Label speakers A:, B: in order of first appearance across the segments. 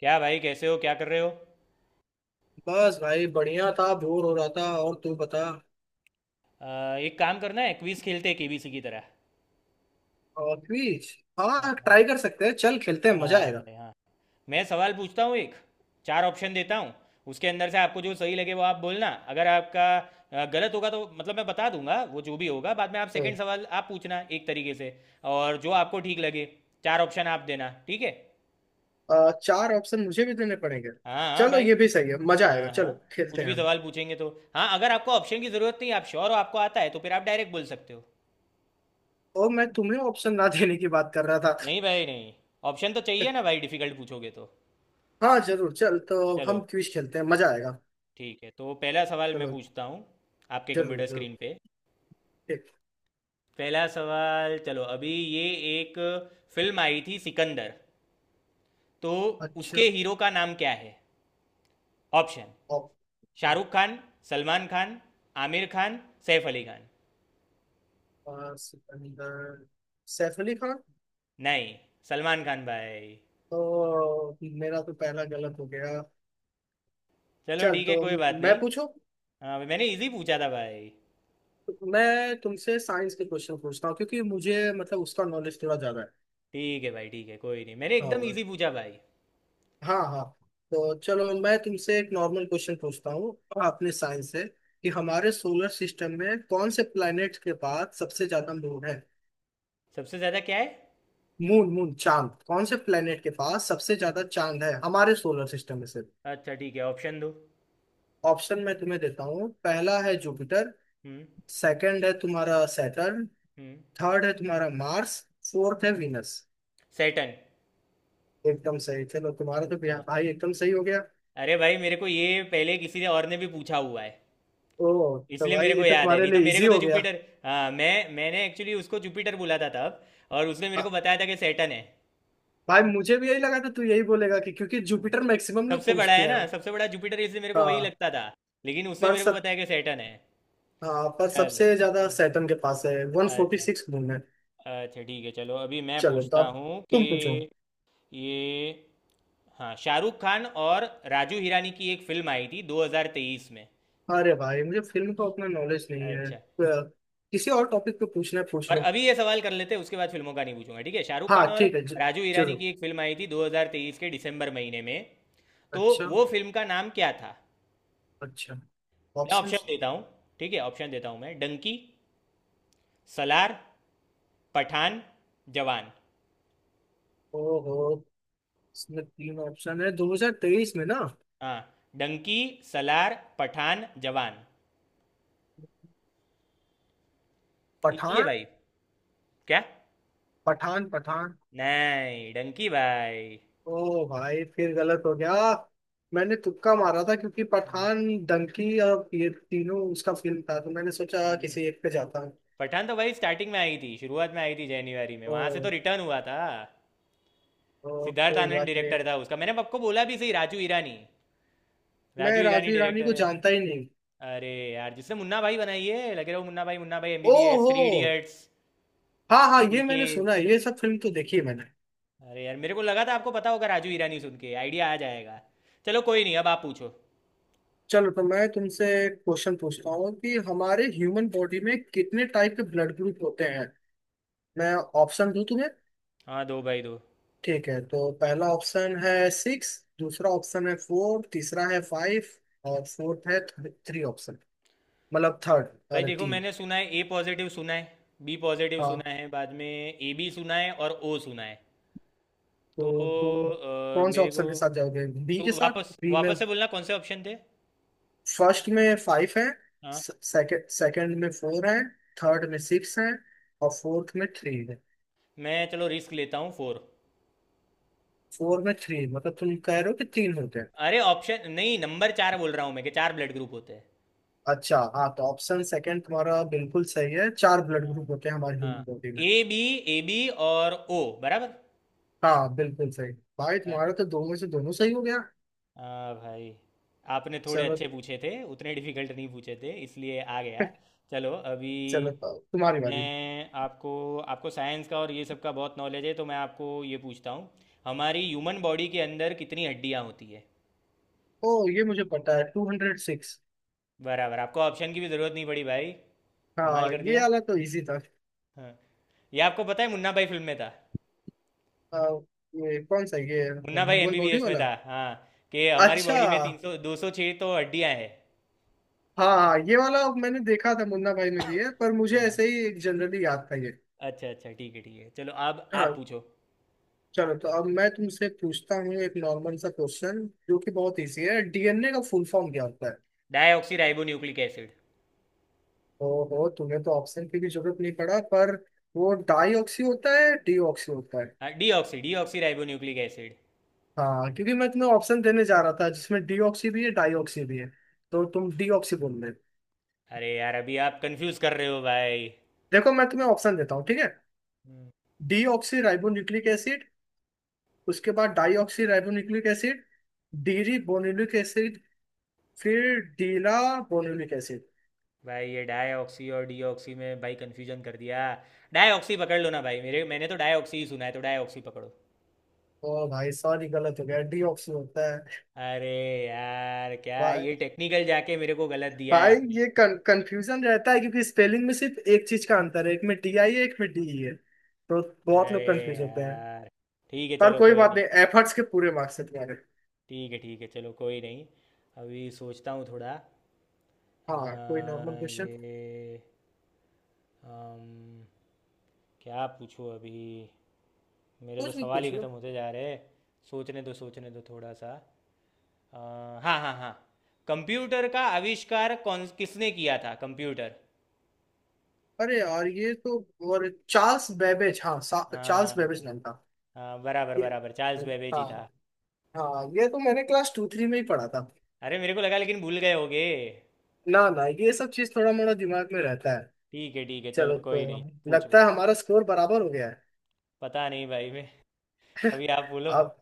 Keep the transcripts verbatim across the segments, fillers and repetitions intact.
A: क्या भाई, कैसे हो? क्या कर रहे हो?
B: बस भाई बढ़िया था। बोर हो रहा था, और तू बता।
A: अ, एक काम करना है, क्विज खेलते हैं केबीसी की तरह।
B: और क्विज?
A: हाँ
B: हाँ,
A: हाँ।
B: ट्राई कर सकते हैं। चल खेलते हैं, मजा
A: हाँ
B: आएगा।
A: भाई, हाँ। मैं सवाल पूछता हूँ एक, चार ऑप्शन देता हूँ। उसके अंदर से आपको जो सही लगे वो आप बोलना। अगर आपका अ, गलत होगा तो मतलब मैं बता दूंगा, वो जो भी होगा। बाद में आप सेकंड
B: हम्म।
A: सवाल आप पूछना एक तरीके से। और जो आपको ठीक लगे, चार ऑप्शन आप देना, ठीक है?
B: अ, चार ऑप्शन मुझे भी देने पड़ेंगे?
A: हाँ हाँ
B: चलो,
A: भाई।
B: ये भी सही है। मजा आएगा,
A: हाँ हाँ।
B: चलो
A: कुछ
B: खेलते हैं
A: भी
B: हम।
A: सवाल पूछेंगे तो। हाँ, अगर आपको ऑप्शन की ज़रूरत नहीं, आप श्योर हो, आपको आता है, तो फिर आप डायरेक्ट बोल सकते हो।
B: और मैं तुम्हें ऑप्शन ना देने की बात कर रहा था।
A: नहीं भाई, नहीं। ऑप्शन तो चाहिए ना भाई, डिफिकल्ट पूछोगे तो।
B: हाँ, जरूर। चल तो हम
A: चलो,
B: क्विज खेलते हैं, मजा आएगा।
A: ठीक है। तो पहला सवाल मैं
B: चलो।
A: पूछता हूँ आपके
B: जरूर,
A: कंप्यूटर
B: जरूर।
A: स्क्रीन पे।
B: ठीक।
A: पहला सवाल चलो अभी ये। एक फिल्म आई थी सिकंदर, तो उसके
B: अच्छा।
A: हीरो का नाम क्या है? Option —
B: op-
A: Shahrukh Khan, Salman Khan, Aamir Khan, Saif Ali Khan.
B: अ, सिकंदर। सैफ अली खान।
A: नहीं, सलमान खान भाई।
B: तो मेरा तो पहला गलत हो गया।
A: चलो
B: चल,
A: ठीक है,
B: तो
A: कोई बात
B: मैं
A: नहीं।
B: पूछूं।
A: हाँ, मैंने इजी पूछा था भाई।
B: मैं तुमसे साइंस के क्वेश्चन पूछता हूँ, क्योंकि मुझे मतलब उसका नॉलेज थोड़ा ज्यादा है।
A: ठीक है भाई, ठीक है, कोई नहीं, मैंने एकदम
B: हाँ,
A: इजी पूछा भाई।
B: हाँ, हाँ। तो चलो, मैं तुमसे एक नॉर्मल क्वेश्चन पूछता हूँ अपने साइंस से कि हमारे सोलर सिस्टम में कौन से प्लैनेट के पास सबसे ज्यादा मून है?
A: सबसे ज़्यादा क्या है?
B: मून, मून चांद, कौन से प्लैनेट के पास सबसे ज्यादा चांद है हमारे सोलर सिस्टम में से?
A: अच्छा ठीक है, ऑप्शन दो।
B: ऑप्शन मैं तुम्हें देता हूँ। पहला है जुपिटर।
A: हम्म।
B: सेकंड है तुम्हारा सैटर्न।
A: हम्म।
B: थर्ड है तुम्हारा मार्स। फोर्थ है विनस।
A: सैटन।
B: एकदम सही। चलो, तुम्हारा तो भैया
A: हाँ।
B: भाई एकदम सही हो गया।
A: अरे भाई, मेरे को ये पहले किसी ने और ने भी पूछा हुआ है,
B: ओ, तो
A: इसलिए
B: भाई
A: मेरे को
B: ये तो
A: याद है,
B: तुम्हारे
A: नहीं तो
B: लिए
A: मेरे
B: इजी
A: को तो
B: हो गया।
A: जुपिटर। हाँ, मैं मैंने एक्चुअली उसको जुपिटर बोला था तब, और उसने मेरे
B: हाँ।
A: को बताया था कि सैटन है।
B: भाई मुझे भी यही लगा था तू यही बोलेगा, कि क्योंकि
A: हम्म।
B: जुपिटर मैक्सिमम लोग
A: सबसे बड़ा
B: पूछते
A: है
B: हैं।
A: ना, सबसे बड़ा जुपिटर है, इसलिए मेरे को वही
B: हाँ
A: लगता था। लेकिन उसने
B: पर
A: मेरे को
B: सब
A: बताया कि सैटर्न है।
B: हाँ, पर
A: चलो।
B: सबसे ज्यादा
A: हम्म।
B: सैटर्न के पास है, वन फोर्टी
A: अच्छा।
B: सिक्स मून है।
A: अच्छा ठीक है, चलो अभी मैं
B: चलो, तो
A: पूछता
B: अब
A: हूँ कि
B: तुम पूछो।
A: ये — हाँ, शाहरुख खान और राजू हिरानी की एक फिल्म आई थी दो हज़ार तेईस में।
B: अरे भाई, मुझे फिल्म का उतना नॉलेज नहीं है। अ,
A: अच्छा।
B: किसी और टॉपिक पे पूछना है पूछ
A: और
B: लो।
A: अभी ये सवाल कर लेते हैं, उसके बाद फिल्मों का नहीं पूछूंगा। ठीक है, शाहरुख
B: हाँ
A: खान और
B: ठीक है, ज-
A: राजू ईरानी
B: जरूर।
A: की एक फिल्म आई थी दो हज़ार तेईस के दिसंबर महीने में, तो
B: अच्छा।
A: वो फिल्म का नाम क्या था?
B: अच्छा
A: मैं
B: ऑप्शन।
A: ऑप्शन देता हूँ, ठीक है ऑप्शन देता हूँ मैं — डंकी, सलार, पठान, जवान।
B: ओहो, इसमें तीन ऑप्शन है दो हज़ार तेइस में ना?
A: हाँ, डंकी सलार पठान जवान, इजी है
B: पठान,
A: भाई। क्या?
B: पठान, पठान।
A: नहीं, डंकी भाई।
B: ओ भाई, फिर गलत हो गया। मैंने तुक्का मारा था, क्योंकि पठान, डंकी और ये तीनों उसका फिल्म था, तो मैंने सोचा
A: हम्म।
B: किसी एक पे जाता हूँ।
A: पठान तो भाई स्टार्टिंग में आई थी, शुरुआत में आई थी, जनवरी में, वहां से तो
B: ओ,
A: रिटर्न हुआ था।
B: ओ,
A: सिद्धार्थ
B: कोई
A: आनंद
B: बात नहीं।
A: डायरेक्टर था उसका, मैंने आपको बोला भी, सही राजू ईरानी, राजू
B: मैं
A: ईरानी
B: राजवीर रानी
A: डायरेक्टर
B: को
A: है।
B: जानता ही नहीं।
A: अरे यार, जिसने मुन्ना भाई बनाई है, लगे रहो मुन्ना भाई, मुन्ना भाई
B: ओ,
A: एमबीबीएस,
B: हो,
A: थ्री इडियट्स,
B: हाँ, हाँ, ये
A: पीके।
B: मैंने सुना है, ये सब फिल्म तो देखी है मैंने।
A: अरे यार, मेरे को लगा था आपको पता होगा राजू ईरानी सुन के आइडिया आ जाएगा। चलो कोई नहीं, अब आप पूछो।
B: चलो, तो मैं तुमसे एक क्वेश्चन पूछता हूँ कि हमारे ह्यूमन बॉडी में कितने टाइप के ब्लड ग्रुप होते हैं? मैं ऑप्शन दूं तुम्हें?
A: हाँ दो भाई दो।
B: ठीक है, तो पहला ऑप्शन है सिक्स। दूसरा ऑप्शन है फोर। तीसरा है फाइव। और फोर्थ है थ्री ऑप्शन, मतलब थर्ड
A: भाई
B: और
A: देखो,
B: तीन।
A: मैंने सुना है ए पॉजिटिव सुना है, बी पॉजिटिव सुना
B: हाँ,
A: है, बाद में ए बी सुना है और ओ सुना है। तो
B: तो तुम
A: अ,
B: कौन से
A: मेरे को —
B: ऑप्शन के साथ जाओगे? बी
A: तो
B: के साथ,
A: वापस
B: बी में।
A: वापस से बोलना कौन से ऑप्शन थे?
B: फर्स्ट में फाइव है।
A: हाँ,
B: सेकंड सेकंड में फोर है। थर्ड में सिक्स है। और फोर्थ में थ्री है।
A: मैं चलो रिस्क लेता हूँ, फोर।
B: फोर में थ्री, मतलब तुम कह रहे हो कि तीन होते हैं?
A: अरे ऑप्शन नहीं, नंबर चार बोल रहा हूँ मैं, कि चार ब्लड ग्रुप होते हैं।
B: अच्छा हाँ, तो ऑप्शन सेकंड तुम्हारा बिल्कुल सही है, चार ब्लड ग्रुप
A: हाँ
B: होते हैं हमारी ह्यूमन
A: हाँ,
B: बॉडी में।
A: ए बी, ए बी, और ओ। बराबर।
B: हाँ, बिल्कुल सही भाई।
A: अच्छा।
B: तुम्हारा तो दोनों से दोनों सही हो गया।
A: हाँ भाई, आपने थोड़े
B: सेवन।
A: अच्छे पूछे थे, उतने डिफिकल्ट नहीं पूछे थे, इसलिए आ गया। चलो अभी
B: सेवन पाओ, तुम्हारी बारी।
A: मैं आपको — आपको साइंस का और ये सब का बहुत नॉलेज है, तो मैं आपको ये पूछता हूँ, हमारी ह्यूमन बॉडी के अंदर कितनी हड्डियाँ होती है?
B: ओ, ये मुझे पता है, टू हंड्रेड सिक्स।
A: बराबर, आपको ऑप्शन की भी ज़रूरत नहीं पड़ी भाई। कमाल
B: हाँ,
A: कर
B: ये
A: दिया।
B: वाला तो इजी था।
A: हाँ, ये आपको पता है, मुन्ना भाई फिल्म में था।
B: आ, ये कौन सा है? ये
A: Munna Bhai
B: human body
A: MBBS में था।
B: वाला।
A: हाँ, कि हमारी
B: अच्छा।
A: बॉडी में तीन सौ, दो सौ छः तो हड्डियाँ हैं।
B: हाँ, हाँ, ये वाला मैंने देखा था, मुन्ना भाई में भी है, पर मुझे
A: हाँ।
B: ऐसे ही जनरली याद था ये।
A: अच्छा अच्छा, ठीक है ठीक है, चलो, अब आप
B: हाँ।
A: पूछो।
B: चलो, तो अब मैं तुमसे पूछता हूँ एक नॉर्मल सा क्वेश्चन, जो कि बहुत इजी है। डीएनए का फुल फॉर्म क्या होता है?
A: Deoxy ribo nucleic acid.
B: ओहो, तुम्हें तो ऑप्शन की भी जरूरत नहीं पड़ा, पर वो डाईऑक्सी होता है, डीऑक्सी होता है।
A: हाँ, deoxy, deoxyribonucleic acid.
B: हाँ, क्योंकि मैं तुम्हें ऑप्शन देने जा रहा था जिसमें डीऑक्सी भी है, डाईऑक्सी भी है। तो तुम डीऑक्सी बोल रहे हो।
A: अरे यार, अभी आप कंफ्यूज कर रहे हो भाई।
B: देखो, मैं तुम्हें ऑप्शन देता हूँ, ठीक है।
A: हम्म।
B: Deoxyribonucleic acid. उसके बाद deoxy ribonucleic acid. Deoxyribonucleic acid. फिर डीला बोनुलिक एसिड।
A: भाई, ये डाईऑक्सी और डीऑक्सी में भाई कंफ्यूजन कर दिया। डाईऑक्सी पकड़ लो ना भाई, मेरे — मैंने तो डाईऑक्सी ही सुना है, तो डाईऑक्सी पकड़ो।
B: ओ भाई सॉरी, गलत हो गया, डीऑक्सी होता
A: अरे यार, क्या
B: है।
A: ये टेक्निकल जाके मेरे को गलत दिया है
B: भाई,
A: आपने।
B: ये कंफ्यूजन रहता है क्योंकि स्पेलिंग में सिर्फ एक चीज का अंतर है, एक में टी आई है, एक में डी ई है, तो बहुत
A: अरे
B: लोग कंफ्यूज होते हैं।
A: यार। ठीक है,
B: पर
A: चलो
B: कोई
A: कोई
B: बात
A: नहीं।
B: नहीं, एफर्ट्स के पूरे मार्क्स है तुम्हारे।
A: ठीक है ठीक है, चलो कोई नहीं, अभी सोचता हूँ थोड़ा।
B: हाँ, कोई नॉर्मल
A: अ,
B: क्वेश्चन।
A: ये — अम, क्या पूछूँ अभी? मेरे तो
B: कुछ भी
A: सवाल ही
B: पूछ लो।
A: ख़त्म होते जा रहे हैं। सोचने दो सोचने दो थोड़ा सा। अ, हाँ हाँ हाँ, कंप्यूटर का आविष्कार कौन, किसने किया था कंप्यूटर?
B: अरे यार, ये तो। और चार्ल्स बेबेज, हाँ, सा- चार्ल्स
A: हाँ,
B: बेबेज नाम था।
A: हाँ बराबर
B: ये।
A: बराबर, चार्ल्स बेबेज ही
B: हाँ,
A: था।
B: हाँ, ये तो मैंने क्लास टू थ्री में ही पढ़ा था।
A: अरे, मेरे को लगा लेकिन भूल गए होगे।
B: ना, ना, ये सब चीज थोड़ा मोड़ा दिमाग में रहता है।
A: ठीक है ठीक है,
B: चलो,
A: चलो
B: तो
A: कोई नहीं,
B: लगता
A: पूछो।
B: है हमारा स्कोर बराबर हो गया है।
A: पता नहीं भाई, मैं — अभी आप बोलो।
B: अब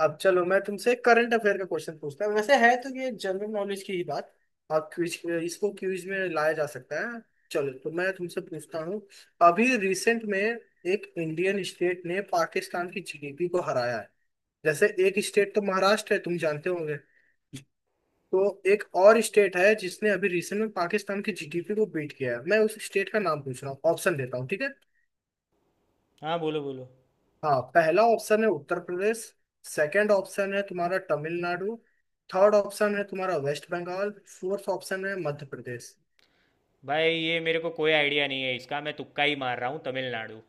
B: अब चलो, मैं तुमसे करंट अफेयर का क्वेश्चन पूछता हूँ। वैसे है तो ये जनरल नॉलेज की ही बात। आप क्विज इसको क्विज में लाया जा सकता है। चलो, तो मैं तुमसे पूछता हूँ। अभी रिसेंट में एक इंडियन स्टेट ने पाकिस्तान की जीडीपी को हराया है। जैसे एक स्टेट तो महाराष्ट्र है, तुम जानते होंगे। तो एक और स्टेट है जिसने अभी रिसेंट में पाकिस्तान की जीडीपी को बीट किया है। मैं उस स्टेट का नाम पूछ रहा हूँ, ऑप्शन देता हूँ, ठीक है।
A: हाँ बोलो बोलो।
B: हाँ, पहला ऑप्शन है उत्तर प्रदेश। सेकंड ऑप्शन है तुम्हारा तमिलनाडु। थर्ड ऑप्शन है तुम्हारा वेस्ट बंगाल। फोर्थ ऑप्शन है मध्य प्रदेश।
A: भाई, ये मेरे को कोई आइडिया नहीं है इसका, मैं तुक्का ही मार रहा हूँ — तमिलनाडु।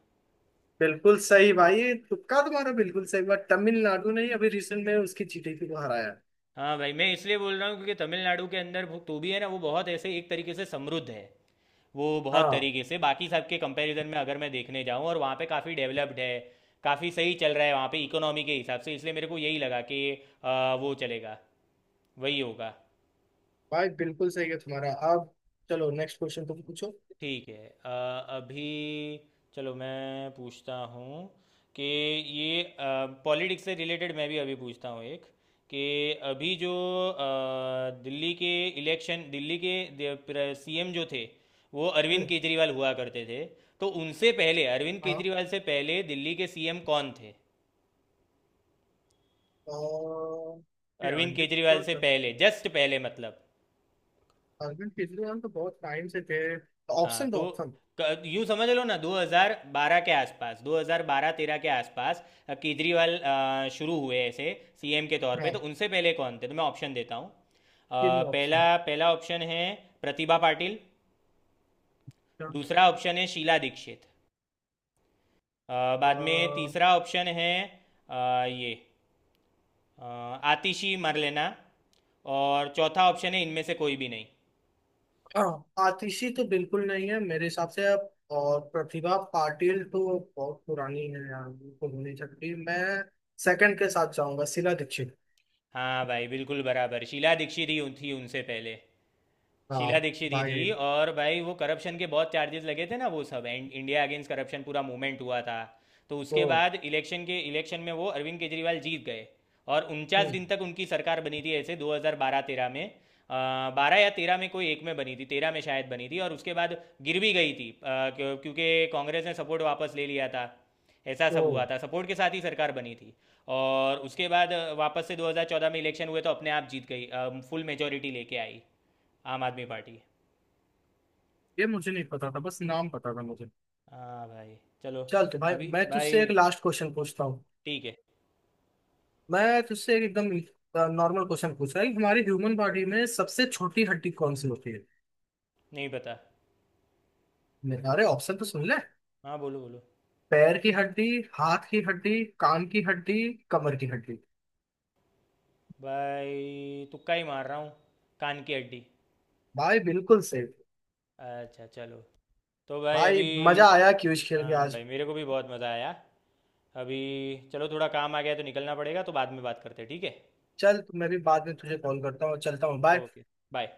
B: बिल्कुल सही भाई, तुक्का तुम्हारा बिल्कुल सही। बात तमिलनाडु ने ही अभी रिसेंट में उसकी जीटीपी को हराया है।
A: हाँ भाई, मैं इसलिए बोल रहा हूँ क्योंकि तमिलनाडु के अंदर वो- तो भी है ना, वो बहुत ऐसे एक तरीके से समृद्ध है, वो बहुत
B: हाँ
A: तरीके से बाकी सब के कंपैरिजन में अगर मैं देखने जाऊँ, और वहाँ पे काफ़ी डेवलप्ड है, काफ़ी सही चल रहा है वहाँ पे इकोनॉमी के हिसाब से, इसलिए मेरे को यही लगा कि आ, वो चलेगा, वही होगा।
B: भाई, बिल्कुल सही है तुम्हारा। अब चलो, नेक्स्ट क्वेश्चन तुम पूछो।
A: ठीक है, अ, अभी चलो मैं पूछता हूँ कि ये पॉलिटिक्स से रिलेटेड मैं भी अभी पूछता हूँ एक, कि अभी जो अ, दिल्ली के इलेक्शन, दिल्ली के सीएम जो थे, वो अरविंद
B: हम्म।
A: केजरीवाल हुआ करते थे। तो उनसे पहले, अरविंद
B: हाँ,
A: केजरीवाल से पहले दिल्ली के सीएम कौन थे?
B: और ये
A: अरविंद
B: आगे
A: केजरीवाल
B: थोड़ा
A: से
B: सा-
A: पहले, जस्ट पहले मतलब।
B: अरविंद केजरीवाल तो बहुत टाइम से थे।
A: हाँ
B: ऑप्शन
A: तो
B: तो ऑप्शन।
A: क- यूं समझ लो ना, दो हज़ार बारह के आसपास, दो हज़ार बारह-तेरह के आसपास अ, केजरीवाल अ, शुरू हुए ऐसे सीएम के तौर पे, तो
B: हाँ,
A: उनसे पहले कौन थे? तो मैं ऑप्शन देता हूँ अ,
B: गिव मी
A: पहला,
B: ऑप्शन।
A: पहला ऑप्शन है प्रतिभा पाटिल। दूसरा ऑप्शन है शीला दीक्षित। अ, बाद में तीसरा ऑप्शन है अ, ये अ, आतिशी मरलेना। और चौथा ऑप्शन है इनमें से कोई भी नहीं।
B: हाँ, आतिशी तो बिल्कुल नहीं है मेरे हिसाब से अब, और प्रतिभा पाटिल तो बहुत पुरानी है यार, बिल्कुल हो नहीं सकती। मैं सेकंड के साथ जाऊंगा, शीला दीक्षित।
A: हाँ भाई, बिल्कुल बराबर, शीला दीक्षित ही उन- थी उनसे पहले।
B: हाँ
A: शीला दीक्षित ही
B: भाई।
A: थी, और भाई वो करप्शन के बहुत चार्जेस लगे थे ना, वो सब एंड इंडिया अगेंस्ट करप्शन पूरा मूवमेंट हुआ था। तो
B: तो
A: उसके बाद इलेक्शन के इलेक्शन में वो अरविंद केजरीवाल जीत गए। और उनचास
B: हम्म,
A: दिन तक उनकी सरकार बनी थी ऐसे दो हज़ार बारह-तेरह में। बारह या तेरह में कोई एक में बनी थी, तेरह में शायद बनी थी, और उसके बाद गिर भी गई थी, अ, क्यों- क्योंकि कांग्रेस ने सपोर्ट वापस ले लिया था। ऐसा सब हुआ
B: तो
A: था, सपोर्ट के साथ ही सरकार बनी थी। और उसके बाद अ, वापस से दो हज़ार चौदह में इलेक्शन हुए तो अपने आप जीत गई, फुल मेजोरिटी लेके आई आम आदमी पार्टी।
B: ये मुझे नहीं पता था, बस नाम पता था मुझे।
A: हाँ भाई। चलो।
B: चल, तो भाई
A: अभी
B: मैं तुझसे
A: भाई,
B: एक लास्ट क्वेश्चन पूछता हूँ।
A: ठीक है।
B: मैं तुझसे एक एकदम नॉर्मल क्वेश्चन पूछ रहा है कि हमारी ह्यूमन बॉडी में सबसे छोटी हड्डी कौन सी होती है?
A: नहीं पता।
B: मैं- अरे, ऑप्शन तो सुन ले।
A: हाँ बोलो बोलो।
B: पैर की हड्डी, हाथ की हड्डी, कान की हड्डी, कमर की हड्डी।
A: भाई तुक्का ही मार रहा हूँ, कान की हड्डी।
B: भाई बिल्कुल सेफ।
A: अच्छा चलो। तो भाई
B: भाई
A: अभी —
B: मजा आया क्यूज खेल के
A: हाँ
B: आज।
A: भाई, मेरे को भी बहुत मज़ा आया। अभी चलो, थोड़ा काम आ गया है तो निकलना पड़ेगा, तो बाद में बात करते हैं, ठीक है?
B: चल, मैं भी बाद में तुझे कॉल करता हूँ, चलता हूँ, बाय।
A: Okay, bye.